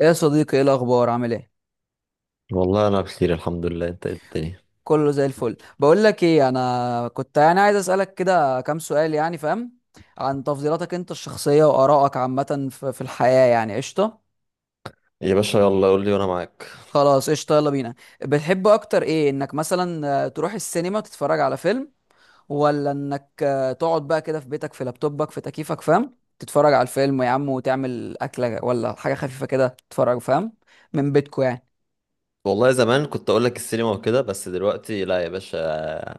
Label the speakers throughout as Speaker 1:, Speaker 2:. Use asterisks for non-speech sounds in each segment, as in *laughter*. Speaker 1: ايه يا صديقي، ايه الاخبار؟ عامل ايه؟
Speaker 2: والله انا بخير الحمد لله. انت إيه الدنيا؟
Speaker 1: كله زي الفل. بقول لك ايه، انا كنت يعني عايز اسالك كده كام سؤال يعني، فاهم؟ عن تفضيلاتك انت الشخصيه وارائك عامه في الحياه يعني. قشطه.
Speaker 2: يا باشا يلا قول لي وانا معاك.
Speaker 1: خلاص قشطه، يلا بينا. بتحب اكتر ايه انك مثلا تروح السينما تتفرج على فيلم، ولا انك تقعد بقى كده في بيتك، في لابتوبك، في تكييفك، فاهم، تتفرج على الفيلم يا عم وتعمل اكله ولا حاجه خفيفه كده تتفرج، فاهم؟ من بيتكو يعني.
Speaker 2: والله زمان كنت اقول لك السينما وكده، بس دلوقتي لا يا باشا.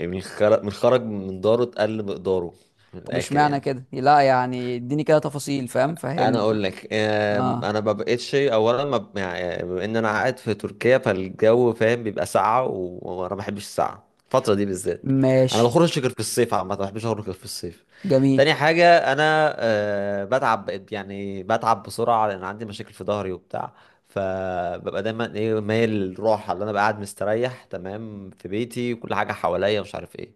Speaker 2: من خرج من داره اتقل مقداره. من
Speaker 1: طب
Speaker 2: الاخر
Speaker 1: اشمعنى
Speaker 2: يعني.
Speaker 1: كده؟ لا يعني اديني كده تفاصيل، فاهم،
Speaker 2: انا
Speaker 1: فهمني.
Speaker 2: اقول لك،
Speaker 1: اه.
Speaker 2: انا ما بقتش، اولا ما ب- يعني بما ان انا قاعد في تركيا فالجو فاهم بيبقى ساقعه وانا ما بحبش الساقعه الفتره دي بالذات. انا ما
Speaker 1: ماشي.
Speaker 2: بخرجش غير في الصيف، عامه ما بحبش اخرج غير في الصيف.
Speaker 1: جميل.
Speaker 2: تاني حاجه انا بتعب، بقيت يعني بتعب بسرعه لان عندي مشاكل في ظهري وبتاع. فببقى دايما ايه، مايل للراحه، اللي انا بقى قاعد مستريح تمام في بيتي وكل حاجه حواليا مش عارف ايه.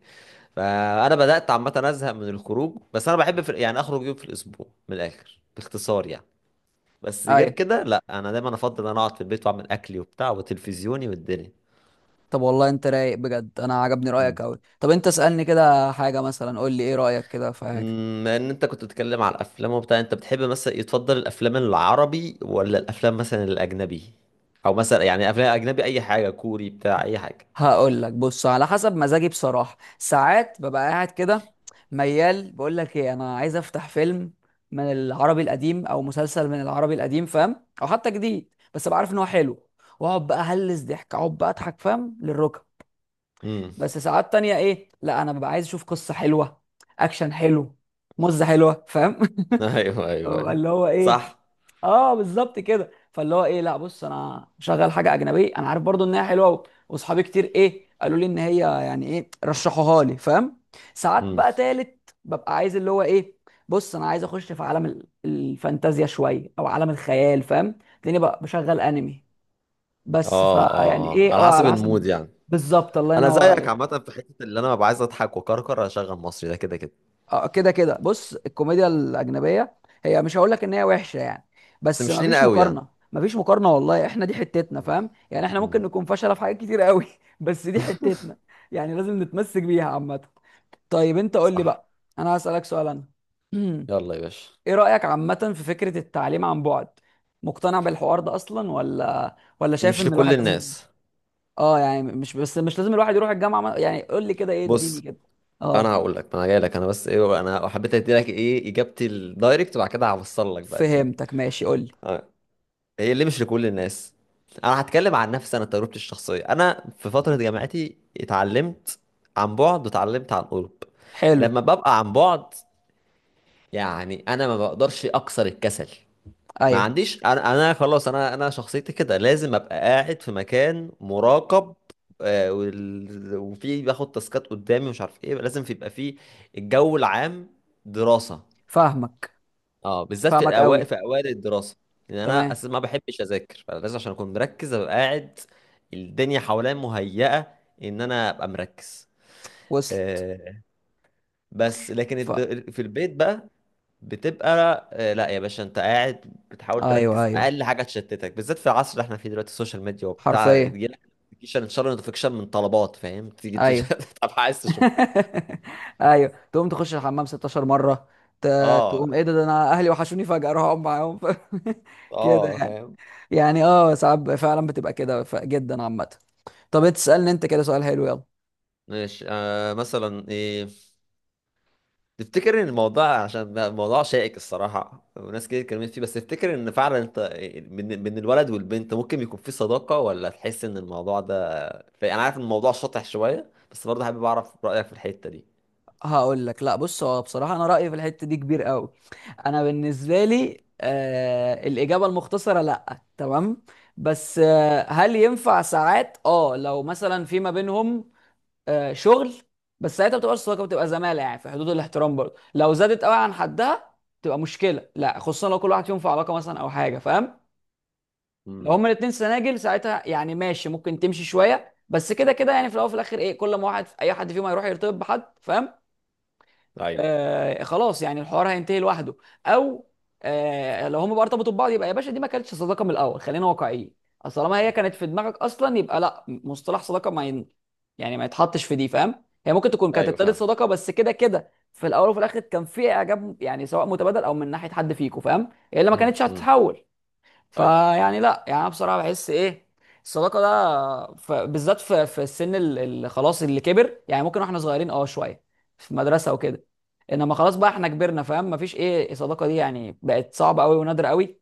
Speaker 2: فانا بدات عامه ازهق من الخروج، بس انا بحب يعني اخرج يوم في الاسبوع، من الاخر باختصار يعني. بس غير
Speaker 1: ايوه.
Speaker 2: كده لا، انا دايما افضل ان انا اقعد في البيت واعمل اكلي وبتاع وتلفزيوني والدنيا.
Speaker 1: طب والله انت رايق بجد، انا عجبني
Speaker 2: مم.
Speaker 1: رايك قوي. طب انت اسالني كده حاجه، مثلا قول لي ايه رايك كده في حاجه؟
Speaker 2: امم، ان انت كنت بتتكلم على الافلام وبتاع، انت بتحب مثلا يتفضل الافلام العربي ولا الافلام مثلا الاجنبي؟ او مثلا يعني افلام اجنبي اي حاجه، كوري بتاع اي حاجه.
Speaker 1: هقول لك، بص، على حسب مزاجي بصراحه. ساعات ببقى قاعد كده ميال، بقول لك ايه، انا عايز افتح فيلم من العربي القديم، او مسلسل من العربي القديم، فاهم، او حتى جديد بس ابقى عارف ان هو حلو، واقعد بقى هلس ضحك، اقعد بقى اضحك فاهم للركب.
Speaker 2: امم.
Speaker 1: بس ساعات تانية، ايه، لا انا ببقى عايز اشوف قصة حلوة، اكشن حلو، مزة حلوة، فاهم.
Speaker 2: *laughs* ايوه
Speaker 1: *laughs*
Speaker 2: ايوه
Speaker 1: ببقى
Speaker 2: ايوه.
Speaker 1: اللي هو ايه.
Speaker 2: صح.
Speaker 1: اه بالظبط كده، فاللي هو ايه، لا بص انا شغال حاجة اجنبية انا عارف برضو انها حلوة واصحابي كتير ايه قالوا لي ان هي يعني ايه رشحوها لي، فاهم. ساعات
Speaker 2: امم.
Speaker 1: بقى تالت ببقى عايز اللي هو ايه، بص انا عايز اخش في عالم الفانتازيا شوية، او عالم الخيال، فاهم. لاني بقى بشغل انمي،
Speaker 2: اه
Speaker 1: بس فيعني
Speaker 2: اه اه،
Speaker 1: ايه
Speaker 2: على
Speaker 1: اه،
Speaker 2: حسب
Speaker 1: على
Speaker 2: المود
Speaker 1: حسب.
Speaker 2: يعني.
Speaker 1: بالظبط، الله
Speaker 2: انا
Speaker 1: ينور
Speaker 2: زيك
Speaker 1: عليك.
Speaker 2: عامه، في حته اللي انا ببقى عايز اضحك وكركر اشغل مصري، ده كده كده.
Speaker 1: اه كده كده، بص، الكوميديا الاجنبيه، هي مش هقول لك ان هي وحشه يعني،
Speaker 2: بس
Speaker 1: بس
Speaker 2: مش
Speaker 1: ما فيش
Speaker 2: لينا قوي يعني.
Speaker 1: مقارنه، ما فيش مقارنه، والله احنا دي حتتنا،
Speaker 2: مم.
Speaker 1: فاهم؟ يعني احنا ممكن
Speaker 2: مم.
Speaker 1: نكون فشله في حاجات كتير قوي *laughs* بس دي حتتنا. يعني لازم نتمسك بيها عامه. طيب انت قول لي
Speaker 2: صح.
Speaker 1: بقى، انا هسالك سؤال انا. *clears throat*
Speaker 2: يلا يا باشا.
Speaker 1: ايه رايك عامه في فكره التعليم عن بعد؟ مقتنع بالحوار ده اصلا، ولا شايف
Speaker 2: مش
Speaker 1: ان
Speaker 2: لكل
Speaker 1: الواحد لازم،
Speaker 2: الناس.
Speaker 1: اه يعني مش، بس مش لازم الواحد يروح الجامعه يعني، قول لي كده ايه، اديني
Speaker 2: بص
Speaker 1: كده.
Speaker 2: انا
Speaker 1: اه.
Speaker 2: هقول لك، انا جاي لك انا، بس ايه انا حبيت ادي لك ايه اجابتي الدايركت، وبعد كده هوصل لك بقى الدنيا.
Speaker 1: فهمتك، ماشي، قول لي.
Speaker 2: آه. هي ليه مش لكل الناس؟ انا هتكلم عن نفسي، انا تجربتي الشخصيه، انا في فتره جامعتي اتعلمت عن بعد واتعلمت عن قرب.
Speaker 1: حلو.
Speaker 2: لما ببقى عن بعد، يعني انا ما بقدرش اكسر الكسل. ما
Speaker 1: ايوه.
Speaker 2: عنديش انا، انا خلاص انا شخصيتي كده لازم ابقى قاعد في مكان مراقب، وفي باخد تاسكات قدامي مش عارف ايه، لازم في يبقى في الجو العام دراسة.
Speaker 1: فاهمك.
Speaker 2: اه، بالذات في
Speaker 1: فاهمك
Speaker 2: الاوائل،
Speaker 1: قوي.
Speaker 2: في اوائل الدراسة. لان انا
Speaker 1: تمام.
Speaker 2: اساسا ما بحبش اذاكر، فلازم عشان اكون مركز ابقى قاعد الدنيا حواليا مهيئة ان انا ابقى مركز.
Speaker 1: وصلت.
Speaker 2: آه، بس لكن
Speaker 1: ف...
Speaker 2: في البيت بقى بتبقى، لا يا باشا، انت قاعد بتحاول
Speaker 1: ايوه،
Speaker 2: تركز،
Speaker 1: ايوه.
Speaker 2: اقل حاجه تشتتك، بالذات في العصر اللي احنا فيه دلوقتي، السوشيال ميديا وبتاع،
Speaker 1: حرفيا.
Speaker 2: يجيلك نوتيفيكيشن ان شاء الله نوتيفيكيشن من طلبات فاهم،
Speaker 1: ايوه.
Speaker 2: *laughs* طب عايز تشوف.
Speaker 1: *laughs* ايوه، تقوم تخش الحمام 16 مره، ت...
Speaker 2: اه.
Speaker 1: تقوم ايه ده انا اهلي وحشوني فجاه اروح اقعد معاهم. *laughs* كده
Speaker 2: اه
Speaker 1: يعني.
Speaker 2: فاهم.
Speaker 1: يعني اه، ساعات فعلا بتبقى كده جدا عامه. طب تسالني انت كده سؤال حلو، يلا.
Speaker 2: ماشي. آه مثلا ايه، تفتكر ان الموضوع، عشان بقى الموضوع شائك الصراحه وناس كتير اتكلمت فيه، بس تفتكر ان فعلا انت من الولد والبنت ممكن يكون في صداقه، ولا تحس ان الموضوع ده انا عارف ان الموضوع شاطح شويه، بس برضه حابب اعرف رايك في الحته دي.
Speaker 1: هقول لك، لا بص، هو بصراحه انا رايي في الحته دي كبير قوي. انا بالنسبه لي، الاجابه المختصره لا، تمام. بس هل ينفع ساعات اه لو مثلا في ما بينهم شغل، بس ساعتها بتبقى صداقه، بتبقى زماله يعني، في حدود الاحترام. برضه لو زادت قوي عن حدها تبقى مشكله. لا خصوصا لو كل واحد فيهم في علاقه مثلا او حاجه، فاهم. لو
Speaker 2: امم.
Speaker 1: هما الاتنين سناجل، ساعتها يعني ماشي، ممكن تمشي شويه بس كده كده يعني، في الاول وفي الاخر ايه، كل ما واحد اي حد فيهم هيروح يرتبط بحد، فاهم.
Speaker 2: ايوه
Speaker 1: خلاص يعني الحوار هينتهي لوحده، او لو هم بقى ارتبطوا ببعض، يبقى يا باشا دي ما كانتش صداقه من الاول، خلينا واقعيين. اصل طالما هي كانت في دماغك اصلا، يبقى لا مصطلح صداقه ما ين... يعني ما يتحطش في دي، فاهم. هي ممكن تكون كانت
Speaker 2: ايوه
Speaker 1: ابتدت
Speaker 2: فاهم.
Speaker 1: صداقه بس كده كده في الاول وفي الاخر كان في اعجاب يعني، سواء متبادل او من ناحيه حد فيكم، فاهم. هي اللي ما كانتش
Speaker 2: امم.
Speaker 1: هتتحول.
Speaker 2: ايوه
Speaker 1: فيعني لا يعني انا بصراحه بحس ايه الصداقه ده، بالذات في السن اللي خلاص اللي كبر يعني، ممكن واحنا صغيرين اه شويه في مدرسه وكده، انما خلاص بقى احنا كبرنا، فاهم، مفيش ايه الصداقه دي، يعني بقت صعبه قوي ونادره قوي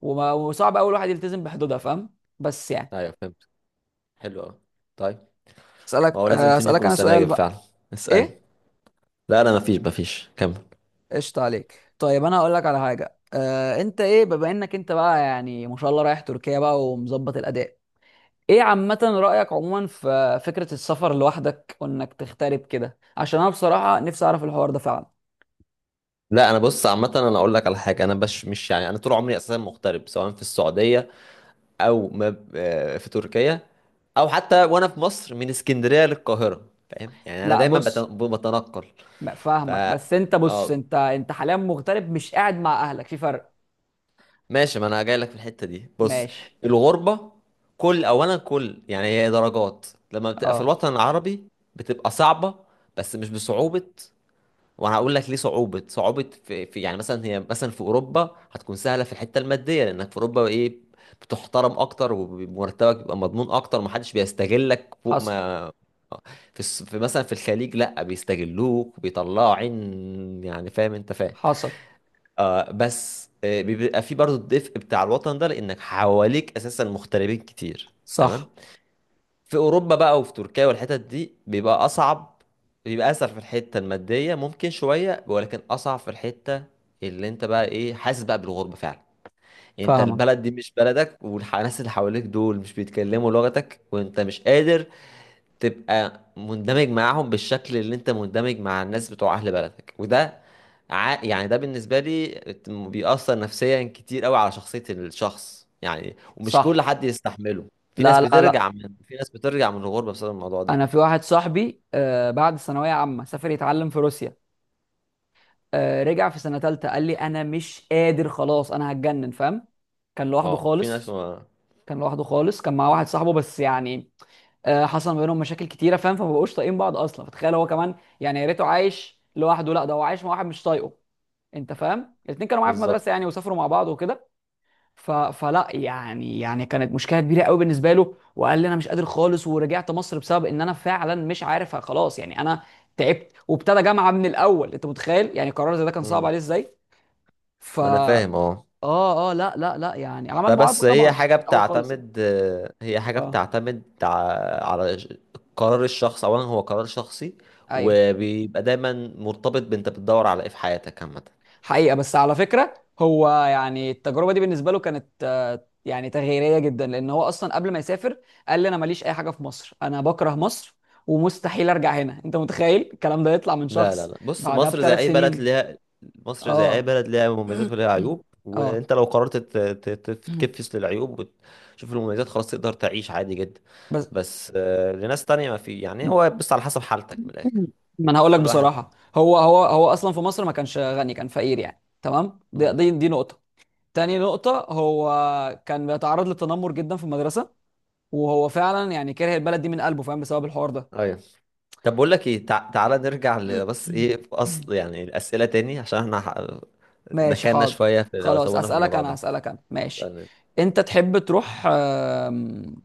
Speaker 1: وصعب قوي الواحد يلتزم بحدودها، فاهم، بس يعني.
Speaker 2: ايوه فهمت. حلو قوي. طيب، هو لازم الاتنين
Speaker 1: اسالك
Speaker 2: يكونوا
Speaker 1: انا سؤال
Speaker 2: سناجب فعلا؟
Speaker 1: بقى.
Speaker 2: اسالني.
Speaker 1: ايه؟
Speaker 2: لا انا مفيش كمل.
Speaker 1: قشطة عليك. طيب انا هقول لك على حاجه، انت ايه، بما انك انت بقى يعني ما شاء الله رايح تركيا بقى ومظبط الاداء، ايه عامة رأيك عموما في فكرة السفر لوحدك وانك تغترب كده، عشان انا بصراحة نفسي اعرف الحوار ده فعلا.
Speaker 2: لا انا بص عامه، انا اقول لك على حاجه، انا مش يعني، انا طول عمري اساسا مغترب، سواء في السعوديه او ما ب- آه، في تركيا، او حتى وانا في مصر من اسكندريه للقاهره فاهم، يعني انا
Speaker 1: لا
Speaker 2: دايما
Speaker 1: بص،
Speaker 2: بتنقل.
Speaker 1: ما فاهمك،
Speaker 2: فا
Speaker 1: بس انت بص،
Speaker 2: اه،
Speaker 1: انت حاليا مغترب مش قاعد مع اهلك، في فرق.
Speaker 2: ماشي، ما انا جاي لك في الحته دي بص.
Speaker 1: ماشي.
Speaker 2: الغربه، اولا يعني هي درجات. لما بتبقى في
Speaker 1: اه.
Speaker 2: الوطن العربي بتبقى صعبه، بس مش بصعوبه. وانا هقول لك ليه. صعوبه صعوبه في يعني مثلا، هي مثلا في اوروبا هتكون سهله في الحته الماديه، لانك في اوروبا ايه، بتحترم اكتر، ومرتبك بيبقى مضمون اكتر، محدش بيستغلك فوق
Speaker 1: حصل.
Speaker 2: ما آه. في مثلا في الخليج لا، بيستغلوك بيطلعوا عين يعني فاهم انت فاهم.
Speaker 1: حصل.
Speaker 2: آه، بس آه بيبقى في برضو الدفء بتاع الوطن ده، لانك حواليك اساسا مغتربين كتير تمام.
Speaker 1: صح.
Speaker 2: في اوروبا بقى وفي تركيا والحتت دي بيبقى اصعب، بيبقى اسهل في الحته الماديه ممكن شويه، ولكن اصعب في الحته اللي انت بقى ايه، حاسس بقى بالغربه فعلا. يعني انت
Speaker 1: فاهمك.
Speaker 2: البلد دي مش بلدك، والناس اللي حواليك دول مش بيتكلموا لغتك، وانت مش قادر تبقى مندمج معاهم بالشكل اللي انت مندمج مع الناس بتوع اهل بلدك. وده يعني ده بالنسبة لي بيأثر نفسيا كتير قوي على شخصية الشخص يعني، ومش كل
Speaker 1: صح.
Speaker 2: حد يستحمله.
Speaker 1: لا، لا، لا.
Speaker 2: في ناس بترجع من الغربة بسبب الموضوع ده.
Speaker 1: انا في واحد صاحبي بعد ثانوية عامة سافر يتعلم في روسيا. رجع في سنة تالتة قال لي انا مش قادر خلاص انا هتجنن، فاهم. كان لوحده
Speaker 2: اه في ناس
Speaker 1: خالص.
Speaker 2: ما...
Speaker 1: كان لوحده خالص، كان مع واحد صاحبه بس يعني حصل ما بينهم مشاكل كتيره، فاهم، فما بقوش طايقين بعض اصلا، فتخيل هو كمان، يعني يا ريته عايش لوحده، لا ده هو عايش مع واحد مش طايقه. انت فاهم، الاتنين كانوا معايا في المدرسه
Speaker 2: بالظبط.
Speaker 1: يعني وسافروا مع بعض وكده، فلا يعني كانت مشكله كبيره قوي بالنسبه له، وقال لي انا مش قادر خالص ورجعت مصر بسبب ان انا فعلا مش عارف خلاص يعني، انا تعبت وابتدى جامعه من الاول. انت متخيل يعني قرار زي ده كان صعب
Speaker 2: امم.
Speaker 1: عليه ازاي؟ ف،
Speaker 2: ما انا فاهم اه.
Speaker 1: اه اه لا لا لا، يعني عمل معادله
Speaker 2: فبس هي
Speaker 1: طبعا
Speaker 2: حاجة
Speaker 1: مش من الاول خالص يعني.
Speaker 2: بتعتمد، هي حاجة
Speaker 1: اه.
Speaker 2: بتعتمد قرار الشخص، أولا هو قرار شخصي،
Speaker 1: ايوه.
Speaker 2: وبيبقى دايما مرتبط بأنت بتدور على إيه في حياتك عامة.
Speaker 1: حقيقة، بس على فكرة، هو يعني التجربة دي بالنسبة له كانت يعني تغييرية جدا، لأن هو أصلا قبل ما يسافر قال لي أنا ماليش أي حاجة في مصر، أنا بكره مصر، ومستحيل أرجع هنا. أنت متخيل الكلام ده يطلع من
Speaker 2: لا لا
Speaker 1: شخص؟
Speaker 2: لا بص،
Speaker 1: بعدها
Speaker 2: مصر زي
Speaker 1: بثلاث
Speaker 2: أي بلد
Speaker 1: سنين
Speaker 2: ليها، مصر زي أي
Speaker 1: آه
Speaker 2: بلد ليها مميزات
Speaker 1: *coughs* *clears throat*
Speaker 2: وليها عيوب،
Speaker 1: آه
Speaker 2: وأنت لو قررت تتكفس
Speaker 1: *clears throat*
Speaker 2: للعيوب وتشوف المميزات خلاص، تقدر تعيش عادي جدا.
Speaker 1: بس
Speaker 2: بس لناس تانية ما في يعني، هو بس على حسب حالتك من الآخر،
Speaker 1: ما أنا هقول لك
Speaker 2: كل واحد.
Speaker 1: بصراحة، هو أصلا في مصر ما كانش غني، كان فقير يعني، تمام، دي
Speaker 2: مم.
Speaker 1: دي, دي نقطة. تاني نقطة، هو كان بيتعرض للتنمر جدا في المدرسة، وهو فعلا يعني كاره البلد دي من قلبه، فاهم، بسبب الحوار ده.
Speaker 2: أيوه. طب بقول لك ايه، تعالى نرجع بس ايه في اصل
Speaker 1: *coughs*
Speaker 2: يعني الاسئله تاني، عشان احنا
Speaker 1: *clears throat* ماشي،
Speaker 2: دخلنا
Speaker 1: حاضر.
Speaker 2: شويه في او
Speaker 1: خلاص،
Speaker 2: طولنا في
Speaker 1: اسالك
Speaker 2: الموضوع
Speaker 1: انا
Speaker 2: ده
Speaker 1: اسالك انا ماشي.
Speaker 2: يعني.
Speaker 1: انت تحب تروح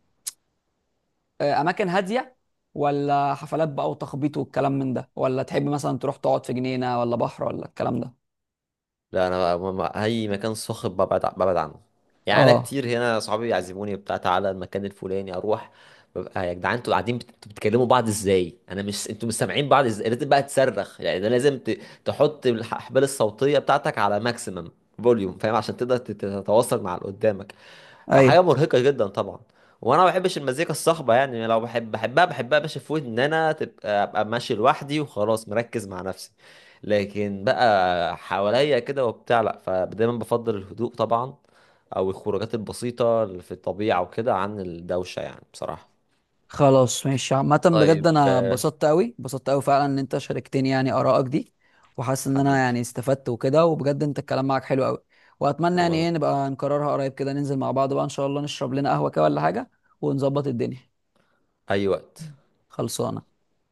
Speaker 1: اماكن هاديه، ولا حفلات بقى وتخبيط والكلام من ده، ولا تحب مثلا تروح تقعد في جنينه ولا بحر ولا الكلام ده؟
Speaker 2: لا انا اي مكان صاخب ببعد ببعد عنه. يعني انا
Speaker 1: اه.
Speaker 2: كتير هنا صحابي يعزموني بتاع تعالى المكان الفلاني اروح، ببقى يا جدعان انتوا قاعدين انتوا بتكلموا بعض ازاي، انا مش، انتوا مش سامعين بعض ازاي، لازم بقى تصرخ يعني، ده لازم تحط الاحبال الصوتيه بتاعتك على ماكسيمم فوليوم فاهم، عشان تقدر تتواصل مع اللي قدامك. فحاجه
Speaker 1: ايوه.
Speaker 2: مرهقه جدا طبعا. وانا ما بحبش المزيكا الصاخبه يعني، لو بحب بحبها، باش في ودني ان انا تبقى ابقى ماشي لوحدي وخلاص مركز مع نفسي، لكن بقى حواليا كده وبتاع لا. فدايما بفضل الهدوء طبعا، او الخروجات البسيطه اللي في الطبيعه وكده، عن الدوشه يعني بصراحه.
Speaker 1: خلاص، ماشي، عامة بجد
Speaker 2: طيب
Speaker 1: انا اتبسطت قوي، اتبسطت قوي فعلا ان انت شاركتني يعني ارائك دي، وحاسس ان انا
Speaker 2: حبيبي.
Speaker 1: يعني استفدت وكده، وبجد انت الكلام معاك حلو قوي، واتمنى يعني
Speaker 2: وانا
Speaker 1: ايه نبقى نكررها قريب كده، ننزل مع بعض بقى ان شاء الله نشرب لنا قهوة كده ولا حاجة، ونظبط الدنيا.
Speaker 2: اي وقت.
Speaker 1: خلصانة.